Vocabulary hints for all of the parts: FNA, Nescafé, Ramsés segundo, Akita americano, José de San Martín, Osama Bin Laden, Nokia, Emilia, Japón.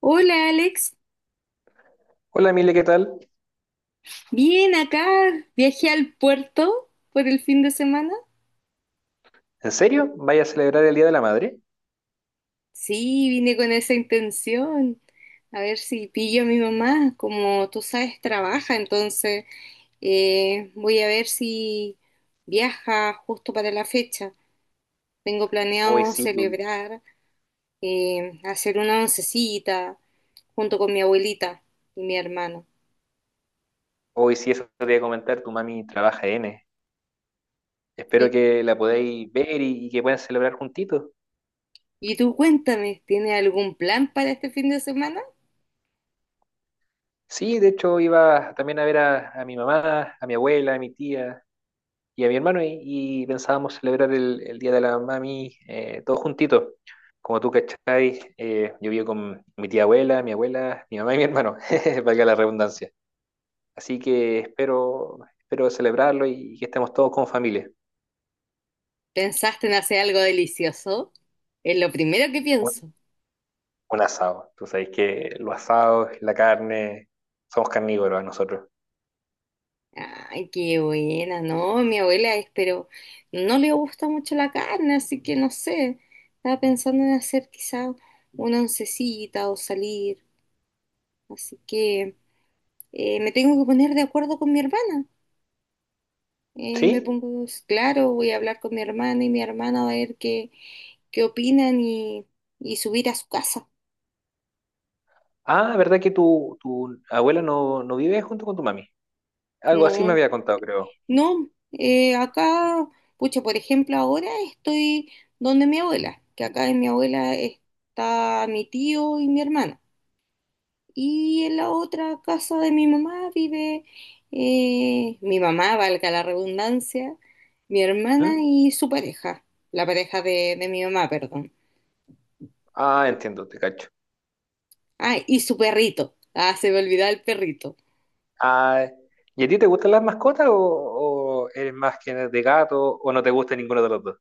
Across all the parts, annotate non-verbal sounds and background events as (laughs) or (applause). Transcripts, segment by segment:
Hola Alex, Hola Emilia, ¿qué tal? bien acá, viajé al puerto por el fin de semana. ¿En serio? ¿Vaya a celebrar el Día de la Madre? Sí, vine con esa intención, a ver si pillo a mi mamá, como tú sabes, trabaja, entonces voy a ver si viaja justo para la fecha. Tengo Hoy planeado sí, tu- celebrar, hacer una oncecita junto con mi abuelita y mi hermano. hoy sí, eso te voy a comentar, tu mami trabaja N. Espero ¿Y, que la podáis ver y que puedan celebrar juntitos. y tú cuéntame, ¿tienes algún plan para este fin de semana? Sí, de hecho iba también a ver a mi mamá, a mi abuela, a mi tía y a mi hermano y pensábamos celebrar el Día de la Mami todos juntitos. Como tú cachai, yo vivo con mi tía abuela, mi mamá y mi hermano, (laughs) valga la redundancia. Así que espero celebrarlo y que estemos todos como familia. ¿Pensaste en hacer algo delicioso? Es lo primero que Un, pienso. un asado. Tú sabes que los asados, la carne, somos carnívoros nosotros. Ay, qué buena, no, mi abuela es, pero no le gusta mucho la carne, así que no sé. Estaba pensando en hacer quizá una oncecita o salir. Así que me tengo que poner de acuerdo con mi hermana. Me ¿Sí? pongo, claro, voy a hablar con mi hermana y mi hermana va a ver qué opinan y subir a su casa. Ah, ¿verdad que tu abuela no vive junto con tu mami? Algo así me No, había contado, creo. no, acá, pucha, por ejemplo, ahora estoy donde mi abuela, que acá en mi abuela está mi tío y mi hermano. Y en la otra casa de mi mamá vive mi mamá, valga la redundancia, mi hermana ¿Mm? y su pareja, la pareja de mi mamá, perdón. Ah, entiendo, te cacho. Ah, y su perrito. Ah, se me olvidaba el perrito. Ah, ¿y a ti te gustan las mascotas o eres más que de gato o no te gusta ninguno de los dos?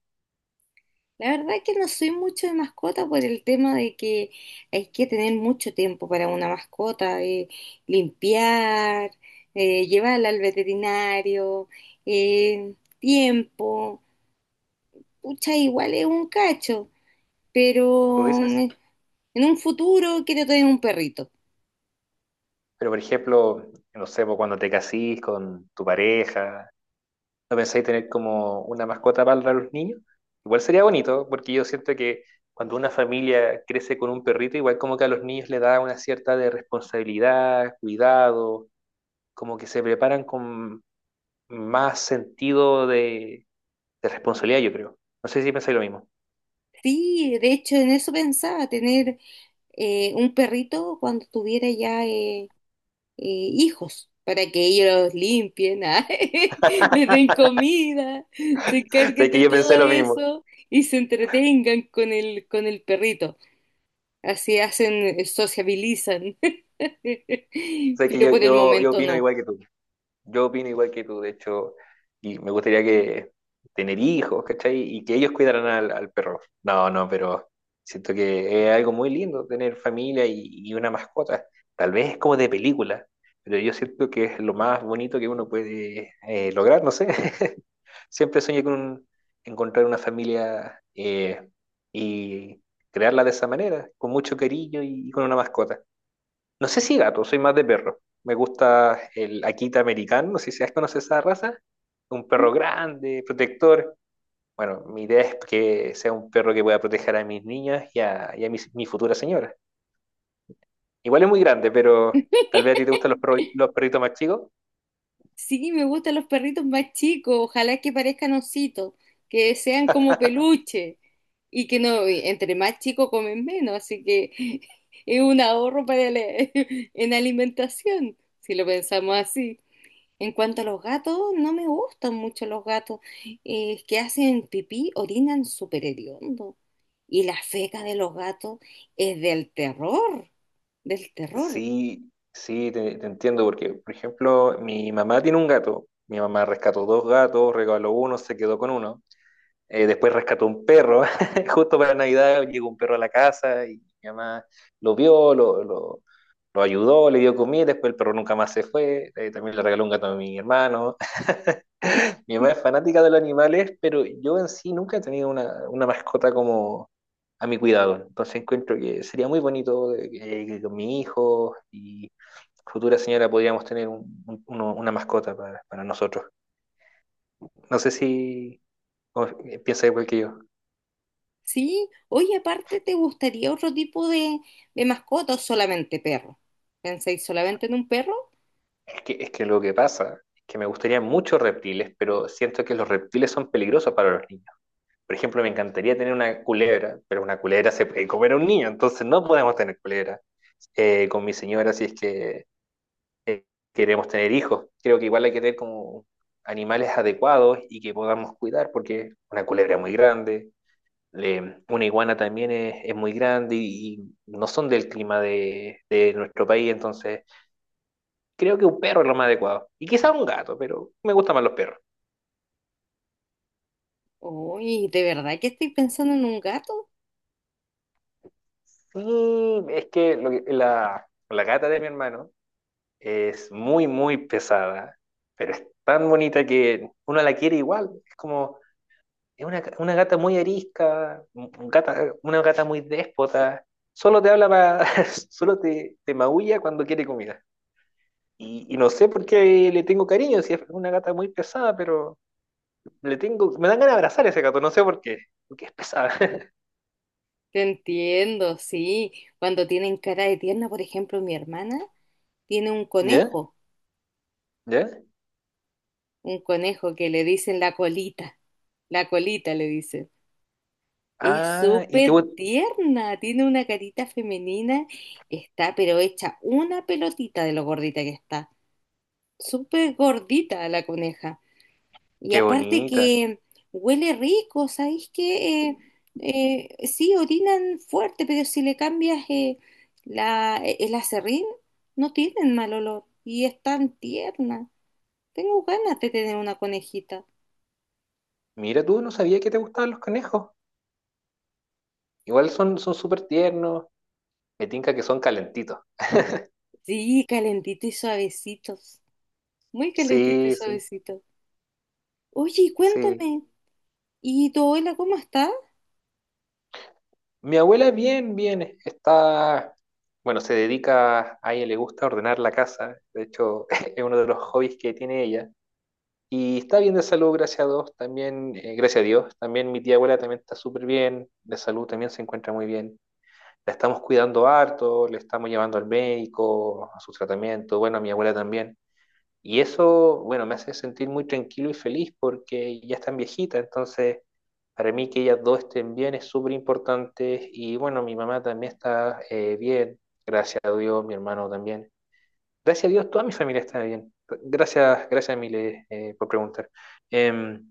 La verdad que no soy mucho de mascota por el tema de que hay que tener mucho tiempo para una mascota, limpiar, llevarla al veterinario, tiempo. Pucha, igual es un cacho, ¿Tú pero dices? En un futuro quiero tener un perrito. Pero, por ejemplo, no sé, pues, cuando te casís con tu pareja, ¿no pensáis tener como una mascota para los niños? Igual sería bonito, porque yo siento que cuando una familia crece con un perrito, igual como que a los niños le da una cierta de responsabilidad, cuidado, como que se preparan con más sentido de responsabilidad, yo creo. No sé si pensáis lo mismo. Sí, de hecho en eso pensaba, tener un perrito cuando tuviera ya hijos para que ellos los limpien, (laughs) ah, les den comida, se (laughs) Sé encarguen que de yo todo pensé lo mismo. eso y se entretengan con el perrito. Así hacen, sociabilizan, (laughs) Sé que pero yo, por el yo, yo momento opino no. igual que tú. Yo opino igual que tú, de hecho, y me gustaría que tener hijos, ¿cachai? Y que ellos cuidaran al perro. No, no, pero siento que es algo muy lindo tener familia y una mascota. Tal vez es como de película, pero yo siento que es lo más bonito que uno puede lograr, no sé. (laughs) Siempre soñé con un- Encontrar una familia y crearla de esa manera, con mucho cariño y con una mascota. No sé si gato, soy más de perro. Me gusta el Akita americano, no sé si has conocido esa raza. Un perro grande, protector. Bueno, mi idea es que sea un perro que pueda proteger a mis niñas y a futura señora. Igual es muy grande, pero tal vez a ti te gustan los perros, los perritos más chicos. Sí, me gustan los perritos más chicos, ojalá que parezcan ositos, que sean como peluche y que no, y entre más chicos comen menos, así que (laughs) es un ahorro para la- (laughs) en alimentación, si lo pensamos así. En cuanto a los gatos, no me gustan mucho los gatos, que hacen pipí, orinan súper hediondo y la feca de los gatos es del terror, del terror. Sí, sí, te entiendo, porque, por ejemplo, mi mamá tiene un gato. Mi mamá rescató dos gatos, regaló uno, se quedó con uno. Después rescató un perro, (laughs) justo para Navidad llegó un perro a la casa y mi mamá lo vio, lo ayudó, le dio comida, después el perro nunca más se fue, también le regaló un gato a mi hermano. (laughs) Mi mamá es (laughs) fanática de los animales, pero yo en sí nunca he tenido una mascota como a mi cuidado, entonces encuentro que sería muy bonito de que con mi hijo y futura señora podríamos tener una mascota para nosotros. No sé si o- piensa igual que yo. Sí, oye, aparte, ¿te gustaría otro tipo de mascota o solamente perro? ¿Pensáis solamente en un perro? Es que lo que pasa es que me gustaría muchos reptiles, pero siento que los reptiles son peligrosos para los niños. Por ejemplo, me encantaría tener una culebra, pero una culebra se puede comer a un niño, entonces no podemos tener culebra. Con mi señora, si es que eh, queremos tener hijos, creo que igual hay que tener como animales adecuados y que podamos cuidar, porque una culebra es muy grande, una iguana también es muy grande y no son del clima de nuestro país, entonces creo que un perro es lo más adecuado. Y quizá un gato, pero me gustan más los perros. Uy, ¿de verdad que estoy pensando en un gato? Y es que, lo que- la gata de mi hermano es muy, muy pesada, pero es tan bonita que uno la quiere igual. Es una gata muy arisca, una gata muy déspota. Solo te habla para, (laughs) solo te maulla cuando quiere comida. Y no sé por qué le tengo cariño, si es una gata muy pesada, pero le tengo, me dan ganas de abrazar a ese gato, no sé por qué, porque es pesada. (laughs) Te entiendo, sí. Cuando tienen cara de tierna, por ejemplo, mi hermana tiene ¿Ya? ¿Ya? un conejo que le dicen la colita le dicen. Es Ah, y te... súper gu- tierna, tiene una carita femenina, está pero hecha una pelotita de lo gordita que está. Súper gordita la coneja. Y Qué aparte bonita. que huele rico, ¿sabéis qué? Sí, orinan fuerte, pero si le cambias la, e, el aserrín, no tienen mal olor y es tan tierna. Tengo ganas de tener una conejita. Mira, tú no sabía que te gustaban los conejos. Igual son súper tiernos. Me tinca que son calentitos. Sí, calentito y suavecitos. Muy calentito y Sí, sí, suavecito. Oye, y sí. cuéntame, ¿y tu abuela cómo está? Mi abuela bien, bien. Está, bueno, se dedica, a ella le gusta ordenar la casa. De hecho, (laughs) es uno de los hobbies que tiene ella. Y está bien de salud, gracias a Dios, también, gracias a Dios. También mi tía abuela también está súper bien, de salud también se encuentra muy bien. La estamos cuidando harto, le estamos llevando al médico, a su tratamiento, bueno, a mi abuela también. Y eso, bueno, me hace sentir muy tranquilo y feliz porque ya están viejitas, entonces para mí que ellas dos estén bien es súper importante y bueno, mi mamá también está bien, gracias a Dios, mi hermano también. Gracias a Dios, toda mi familia está bien. Gracias, gracias Emile por preguntar. Em,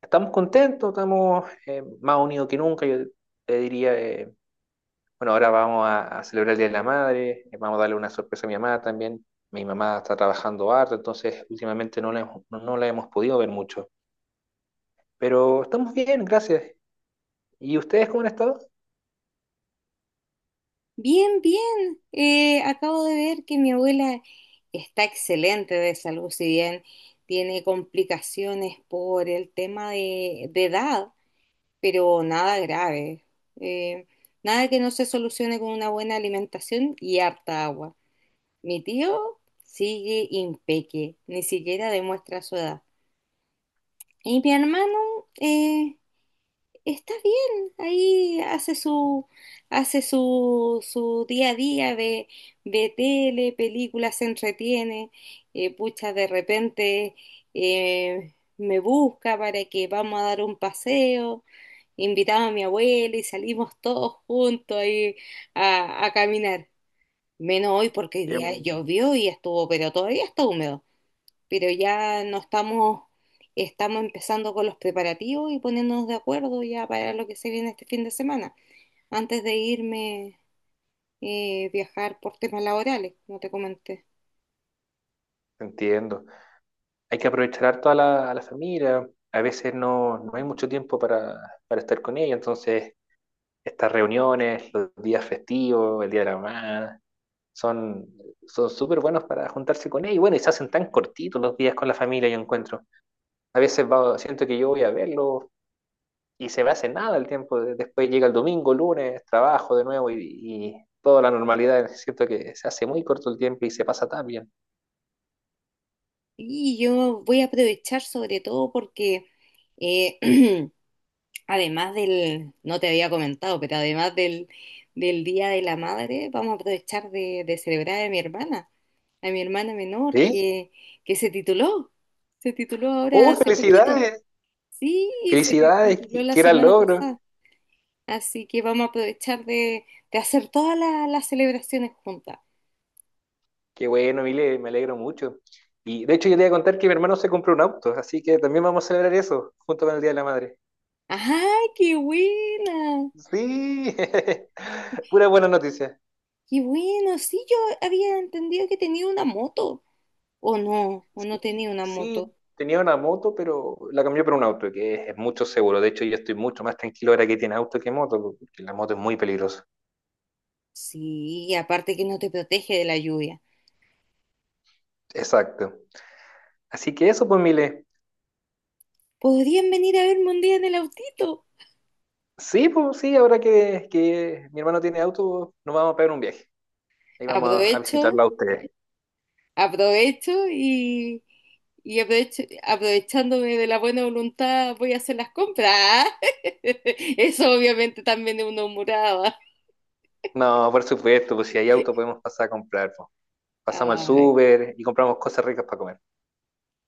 Estamos contentos, estamos más unidos que nunca, yo te diría, bueno, ahora vamos a celebrar el Día de la Madre, vamos a darle una sorpresa a mi mamá también. Mi mamá está trabajando harto, entonces últimamente no la hemos, no la hemos podido ver mucho. Pero estamos bien, gracias. ¿Y ustedes cómo han estado? Bien, bien. Acabo de ver que mi abuela está excelente de salud, si bien tiene complicaciones por el tema de edad, pero nada grave. Eh, nada que no se solucione con una buena alimentación y harta agua. Mi tío sigue impeque, ni siquiera demuestra su edad. Y mi hermano, está bien, ahí hace su día a día, ve tele, películas, se entretiene, pucha, de repente me busca para que vamos a dar un paseo, invitaba a mi abuela y salimos todos juntos ahí a caminar, menos hoy porque hoy Qué día bueno. llovió y estuvo, pero todavía está húmedo pero ya no estamos, estamos empezando con los preparativos y poniéndonos de acuerdo ya para lo que se viene este fin de semana, antes de irme viajar por temas laborales, como te comenté. Entiendo. Hay que aprovechar harto a a la familia. A veces no hay mucho tiempo para estar con ella, entonces estas reuniones, los días festivos, el Día de la Madre, son son súper buenos para juntarse con ella. Y bueno, y se hacen tan cortitos los días con la familia, yo encuentro. A veces siento que yo voy a verlo y se me hace nada el tiempo. Después llega el domingo, lunes, trabajo de nuevo y toda la normalidad. Siento que se hace muy corto el tiempo y se pasa tan bien. Y yo voy a aprovechar sobre todo porque eh, (clears throat) además del, no te había comentado, pero además del Día de la Madre, vamos a aprovechar de celebrar a mi hermana menor ¿Sí? que se tituló ahora ¡Oh, hace poquito. felicidades! Sí, se ¡Felicidades! tituló ¡Qué la qué gran semana logro! pasada, así que vamos a aprovechar de hacer todas la- las celebraciones juntas. ¡Qué bueno, Mile! Me alegro mucho. Y de hecho, yo te iba a contar que mi hermano se compró un auto, así que también vamos a celebrar eso junto con el Día de la Madre. ¡Ajá, qué buena! ¡Sí! (laughs) Pura buena noticia. ¡Qué bueno! Sí, yo había entendido que tenía una moto, o no Sí, tenía una moto. sí, tenía una moto, pero la cambié por un auto, que es mucho seguro. De hecho, yo estoy mucho más tranquilo ahora que tiene auto que moto, porque la moto es muy peligrosa. Sí, aparte que no te protege de la lluvia. Exacto. Así que eso, pues, Mile. ¿Podrían venir a verme un día en el autito? Sí, pues sí, ahora que mi hermano tiene auto, nos vamos a pegar un viaje. Ahí vamos a Aprovecho visitarlo a ustedes. aprovecho y aprovecho- aprovechándome de la buena voluntad voy a hacer las compras. (laughs) Eso obviamente también es una humorada. No, por supuesto, pues si hay auto podemos pasar a comprar, pues. Pasamos al Ay, súper y compramos cosas ricas para comer.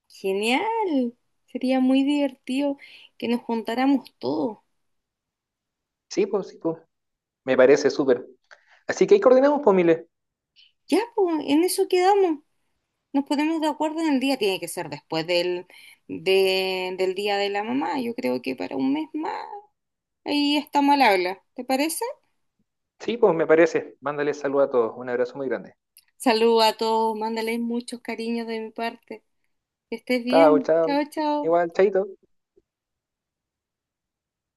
genial. Sería muy divertido que nos juntáramos todos. Sí, pues sí, pues. Me parece súper. Así que ahí coordinamos, pues, Mile. Ya, pues, en eso quedamos. Nos ponemos de acuerdo en el día. Tiene que ser después del, de- del día de la mamá. Yo creo que para un mes más. Ahí está mal habla. ¿Te parece? Sí, pues me parece. Mándale saludo a todos. Un abrazo muy grande. Saluda a todos. Mándales muchos cariños de mi parte. Que estés Chao, bien. chao. Chao, chao. Igual, chaito.